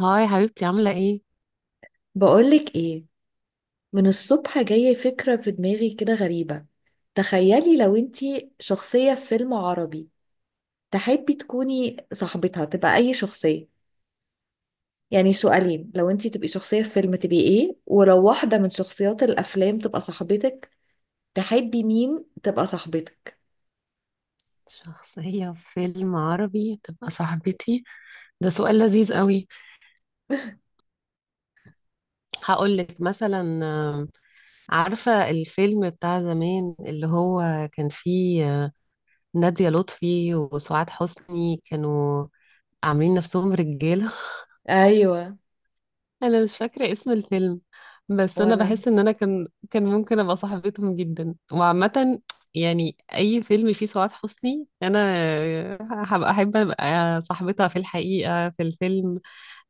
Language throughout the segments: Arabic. هاي حبيبتي، عاملة ايه؟ بقولك ايه، من الصبح جاية فكرة في دماغي كده غريبة. تخيلي لو انتي شخصية في فيلم عربي تحبي تكوني صاحبتها تبقى اي شخصية؟ يعني سؤالين، لو انتي تبقي شخصية في فيلم تبقي ايه، ولو واحدة من شخصيات الافلام تبقى صاحبتك تحبي مين تبقى صاحبتك؟ شخصية في فيلم عربي تبقى صاحبتي، ده سؤال لذيذ قوي. هقولك مثلا. آم، عارفة الفيلم بتاع زمان اللي هو كان فيه نادية لطفي وسعاد حسني كانوا عاملين نفسهم رجالة. ايوه. انا مش فاكره اسم الفيلم، بس انا ولا. بحس ان انا كان ممكن ابقى صاحبتهم جدا. وعامه يعني اي فيلم فيه سعاد حسني انا هبقى احب ابقى صاحبتها، في الحقيقه في الفيلم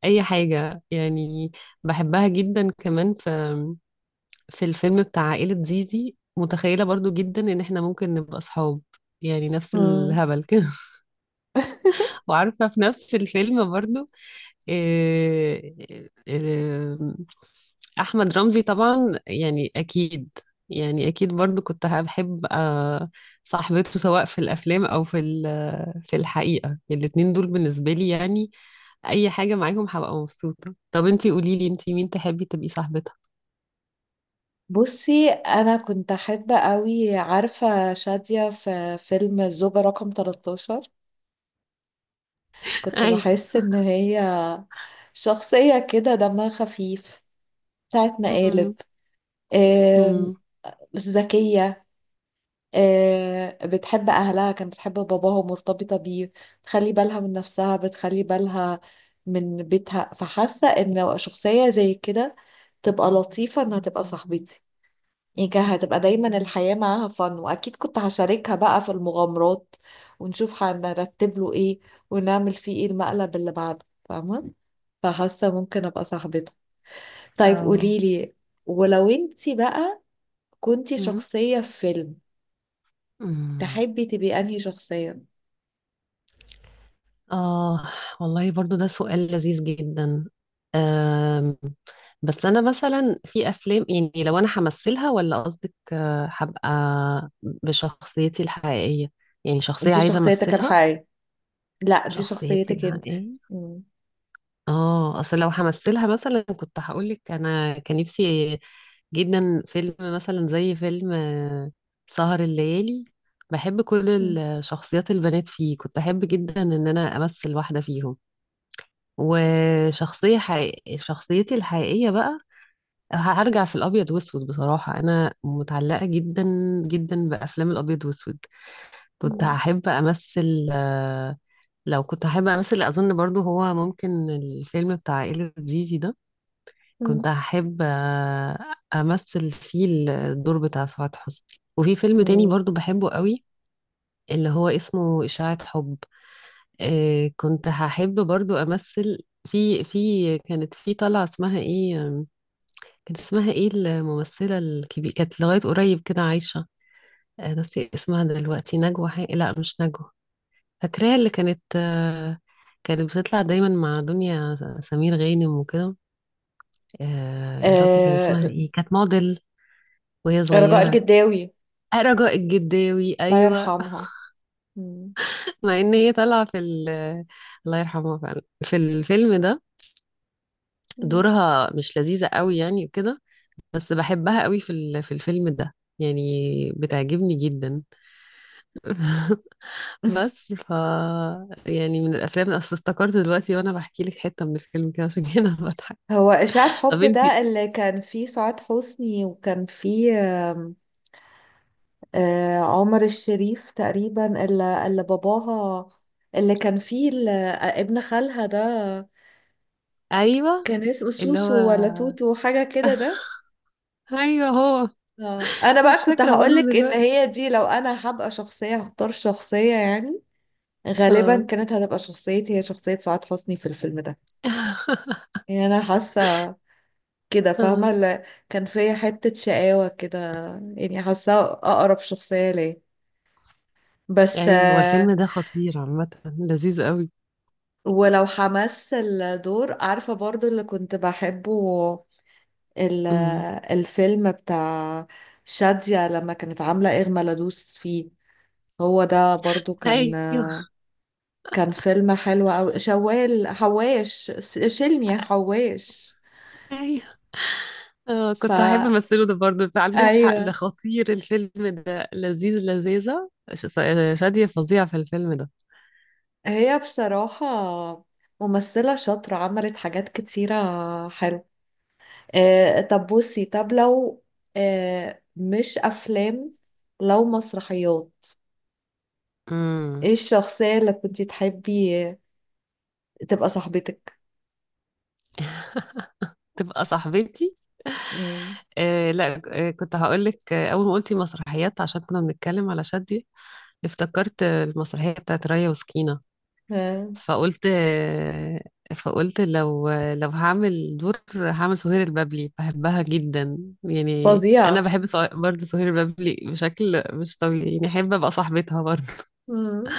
اي حاجه يعني، بحبها جدا كمان. في الفيلم بتاع عائله زيزي متخيله برضو جدا ان احنا ممكن نبقى صحاب، يعني نفس مم. الهبل كده. وعارفه في نفس الفيلم برضو، إيه إيه احمد رمزي طبعا يعني اكيد، يعني اكيد برضو كنت هبحب صاحبته سواء في الافلام او في في الحقيقه. الاتنين دول بالنسبه لي يعني اي حاجه معاهم هبقى مبسوطه. طب انتي قولي لي، انتي مين تحبي تبقي صاحبتها؟ بصي، انا كنت احب قوي، عارفة شادية في فيلم الزوجة رقم 13؟ كنت اي. بحس ان هي شخصية كده دمها خفيف، بتاعت مقالب. أمم، آم، أمم، ذكية. بتحب أهلها، كانت بتحب باباها ومرتبطة بيه. بتخلي بالها من نفسها، بتخلي بالها من بيتها، فحاسة ان شخصية زي كده تبقى لطيفة انها تبقى صاحبتي. يعني كان هتبقى دايما الحياة معاها فن، وأكيد كنت هشاركها بقى في المغامرات، ونشوف هنرتب له ايه، ونعمل فيه ايه المقلب اللي بعده، فاهمة؟ فحاسة ممكن ابقى صاحبتك. طيب اه، قوليلي، ولو انتي بقى كنتي أمم، شخصية في فيلم أمم. تحبي تبقي انهي شخصية؟ آه والله برضو ده سؤال لذيذ جدا. أم، بس أنا مثلا في أفلام، يعني لو أنا همثلها ولا قصدك هبقى بشخصيتي الحقيقية؟ يعني شخصية دي عايزة شخصيتك أمثلها. الحقيقية؟ لا، دي شخصيتي شخصيتك انتي. الحقيقية؟ مم. اه، أصل لو همثلها مثلا كنت هقولك أنا كان نفسي جدا فيلم مثلا زي فيلم سهر الليالي. بحب كل مم. الشخصيات البنات فيه، كنت أحب جدا إن أنا أمثل واحدة فيهم. وشخصية حقيقية، شخصيتي الحقيقية بقى، هرجع في الأبيض وأسود. بصراحة أنا متعلقة جدا جدا بأفلام الأبيض وأسود. كنت مم. هحب أمثل لو كنت هحب أمثل أظن برضو هو ممكن الفيلم بتاع عائلة زيزي ده، كنت مم. هحب أمثل فيه الدور بتاع سعاد حسني. وفي فيلم تاني مم. برضو بحبه قوي، اللي هو اسمه إشاعة حب، كنت هحب برضو أمثل في. كانت في طلعة اسمها ايه، كانت اسمها ايه الممثلة الكبيرة، كانت لغاية قريب كده عايشة، ناسية اسمها دلوقتي. نجوى لا مش نجوى. فاكراها، اللي كانت كانت بتطلع دايما مع دنيا سمير غانم وكده. يا ربي كان آه. اسمها ايه، كانت موديل وهي رجاء صغيرة. الجداوي. رجاء الجداوي، الله ايوه. يرحمها. مم. مع ان هي طالعة في الله يرحمها فعلا في الفيلم ده مم. دورها مش لذيذة قوي يعني وكده، بس بحبها قوي في في الفيلم ده يعني، بتعجبني جدا. بس ف، يعني من الافلام، اصل افتكرت دلوقتي وانا بحكي لك حته من الفيلم كده، عشان كده أنا بضحك. هو إشاعة حب طب انتي. ده اللي كان فيه سعاد حسني، وكان فيه عمر الشريف تقريبا، اللي باباها، اللي كان فيه ابن خالها ده، ايوه. كان اسمه اللي هو. سوسو ولا توتو حاجة كده ده؟ ايوه هو. آه. انا مش بقى كنت فاكره برضه هقولك ان دلوقتي. هي دي، لو انا هبقى شخصية هختار شخصية، يعني غالبا اه. كانت هتبقى شخصيتي هي شخصية سعاد حسني في الفيلم ده. يعني انا حاسة كده، فاهمة؟ اه. اللي كان فيا حتة شقاوة كده، يعني حاسة اقرب شخصية ليه، بس. ايوه الفيلم ده خطير عامه، لذيذ قوي. ولو حمس الدور، عارفة برضو اللي كنت بحبه؟ ال- امم. الفيلم بتاع شادية لما كانت عاملة إغمى لدوس فيه. هو ده برضو كان ايوه. كان فيلم حلو أوي، شوال حواش شيلني يا حواش. ايوه. اه ف كنت هحب امثله ده برضه، عندك حق ده أيوة. خطير الفيلم ده لذيذ، لذيذه شادية فظيعه في الفيلم ده. هي بصراحة ممثلة شاطرة، عملت حاجات كتيرة حلوة. طب بصي، طب لو مش أفلام، لو مسرحيات، امم. ايه الشخصية اللي كنتي تحبي تبقى صاحبتك؟ تبقى صاحبتي؟ مم. آه لا. آه كنت هقولك، أول ما قلتي مسرحيات، عشان كنا بنتكلم على شادية، افتكرت المسرحية بتاعت ريا وسكينة. آه، فقلت آه، فقلت لو لو هعمل دور هعمل سهير البابلي، بحبها جدا. يعني أنا فظيعة. بحب برضه سهير البابلي بشكل مش طبيعي يعني، أحب أبقى صاحبتها برضه. مم.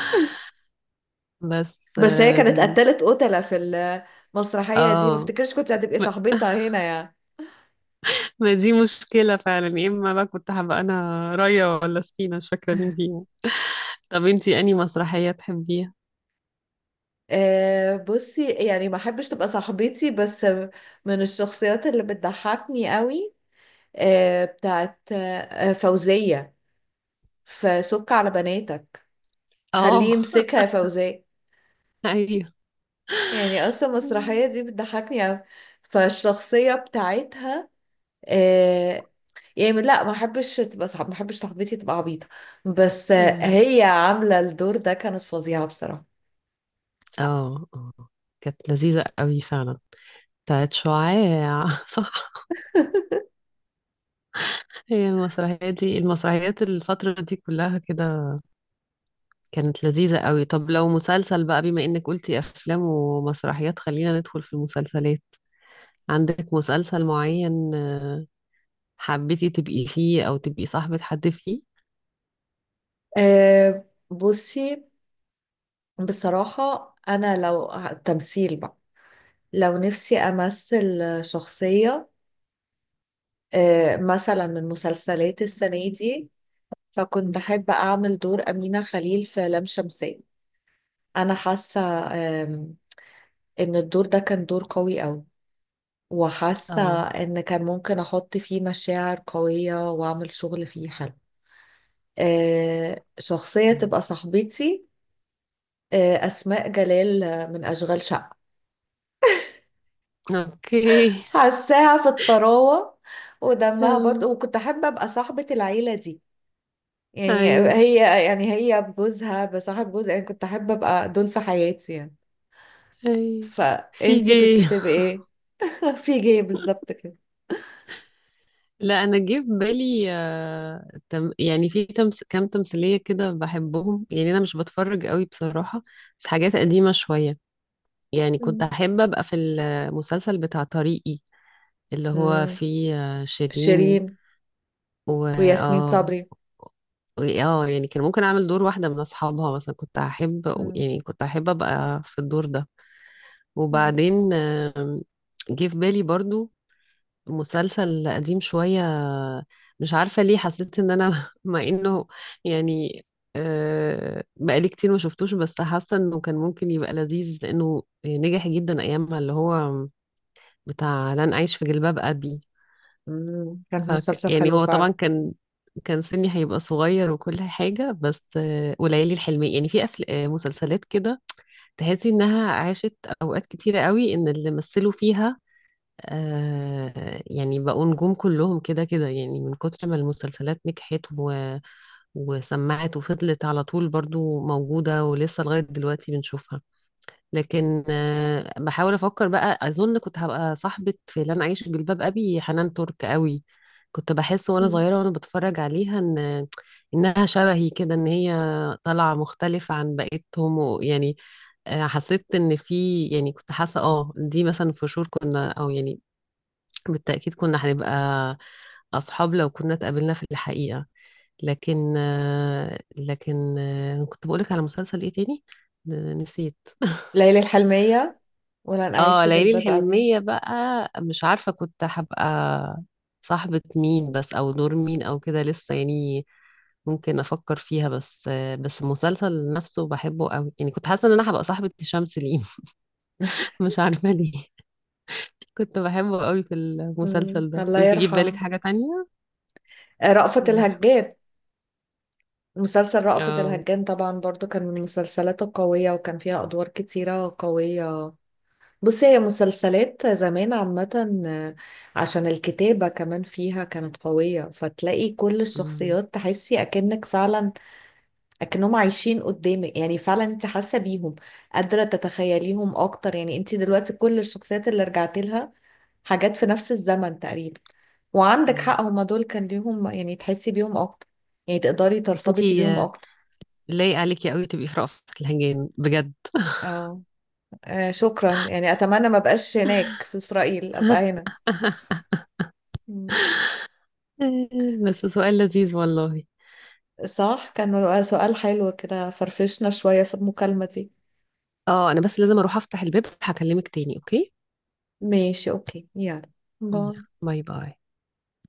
بس بس هي كانت قتلت قتلة في المسرحية دي، ما اه. افتكرش كنت هتبقي صاحبتها هنا يعني. ما دي مشكلة فعلا، يا اما بقى كنت هبقى انا رايا ولا سكينة، مش فاكرة مين فيهم. طب انتي انهي مسرحية تحبيها؟ أه، بصي، يعني ما احبش تبقى صاحبتي، بس من الشخصيات اللي بتضحكني قوي بتاعت فوزية في سك على بناتك، اه. خليه يمسكها يا فوزية. ايوه. يعني اصلا المسرحية دي بتضحكني قوي، فالشخصية بتاعتها. آه، يعني لا، ما احبش تبقى، صعب، ما احبش صاحبتي تبقى عبيطه، بس أمم. هي عامله الدور ده كانت فظيعه بصراحه. اه، اه، كانت لذيذة قوي فعلا، بتاعت شعاع. صح، هي المسرحية دي، المسرحيات الفترة دي كلها كده كانت لذيذة قوي. طب لو مسلسل بقى، بما انك قلتي افلام ومسرحيات، خلينا ندخل في المسلسلات. عندك مسلسل معين حبيتي تبقي فيه او تبقي صاحبة حد فيه؟ آه، بصي، بصراحه انا لو تمثيل بقى، لو نفسي امثل شخصيه مثلا من مسلسلات السنه دي، فكنت بحب اعمل دور امينه خليل في لام شمسيه. انا حاسه آم، ان الدور ده كان دور قوي قوي، وحاسة اه. ان كان ممكن احط فيه مشاعر قوية، واعمل شغل فيه حلو. شخصية مم. تبقى صاحبتي، أسماء جلال من أشغال شقة. اوكي. حاساها في الطراوة ودمها برضه، آه، وكنت أحب أبقى صاحبة العيلة دي. يعني اي هي يعني هي بجوزها، بصاحب جوزها، يعني كنت أحب أبقى دول في حياتي يعني. اي، في فأنتي كنت جي. تبقي إيه؟ في جاي بالظبط كده. لا انا جه في بالي تم، يعني في تمس كام تمثيليه كده بحبهم، يعني انا مش بتفرج قوي بصراحه، بس حاجات قديمه شويه. يعني كنت مم. احب ابقى في المسلسل بتاع طريقي، اللي هو مم. فيه شيرين، شيرين و وياسمين اه صبري. اه، يعني كان ممكن اعمل دور واحده من اصحابها مثلا. كنت احب مم. يعني، كنت احب ابقى في الدور ده. مم. وبعدين جه في بالي برضو مسلسل قديم شوية، مش عارفة ليه حسيت ان انا، مع انه يعني بقالي كتير ما شفتوش، بس حاسة انه كان ممكن يبقى لذيذ لانه نجح جدا ايامها، اللي هو بتاع لن اعيش في جلباب ابي. مم. كان ف مسلسل يعني حلو هو طبعا فعلا. كان، كان سني هيبقى صغير وكل حاجة، بس وليالي الحلمية. يعني في أفل... آه، مسلسلات كده تحسي انها عاشت اوقات كتيرة قوي، ان اللي مثلوا فيها يعني بقوا نجوم كلهم كده كده، يعني من كتر ما المسلسلات نجحت و... وسمعت وفضلت على طول برضو موجودة، ولسه لغاية دلوقتي بنشوفها. لكن بحاول أفكر بقى، أظن كنت هبقى صاحبة في لن أعيش في جلباب أبي حنان ترك قوي. كنت بحس وأنا مم. صغيرة وأنا بتفرج عليها إنها شبهي كده، إن هي طالعة مختلفة عن بقيتهم. ويعني حسيت ان في، يعني كنت حاسه اه دي مثلا في شهور كنا، او يعني بالتأكيد كنا هنبقى أصحاب لو كنا اتقابلنا في الحقيقة. لكن كنت بقولك على مسلسل ايه تاني نسيت. ليلى الحلمية ولن أعيش اه في ليالي جلباب أبي. الحلمية بقى، مش عارفة كنت هبقى صاحبة مين بس، أو دور مين أو كده لسه يعني، ممكن أفكر فيها. بس بس المسلسل نفسه بحبه قوي يعني، كنت حاسة إن أنا هبقى صاحبة هشام سليم. مش عارفة ليه. كنت بحبه قوي في مم. المسلسل ده. الله انت جيب بالك يرحم حاجة تانية؟ رأفت الله يرحمه. الهجان. مسلسل رأفت اه. الهجان طبعا برضو كان من المسلسلات القوية، وكان فيها أدوار كتيرة قوية. بصي، هي مسلسلات زمان عامة، عشان الكتابة كمان فيها كانت قوية، فتلاقي كل مم. الشخصيات تحسي أكنك فعلا لكنهم عايشين قدامك، يعني فعلا انت حاسه بيهم، قادره تتخيليهم اكتر. يعني انت دلوقتي كل الشخصيات اللي رجعت لها حاجات في نفس الزمن تقريبا، وعندك ايوه. حق هما دول كان ليهم يعني تحسي بيهم اكتر، يعني تقدري بس ترتبطي انتي بيهم اكتر. لايق عليكي قوي تبقي في رأفت الهجان بجد. اه. شكرا يعني، اتمنى ما بقاش هناك في اسرائيل ابقى هنا. مم. بس سؤال لذيذ والله. صح، كان سؤال حلو كده، فرفشنا شويه في المكالمه دي. اه انا بس لازم اروح افتح الباب، هكلمك تاني، اوكي؟ ماشي، اوكي يلا، يلا، باي. باي باي.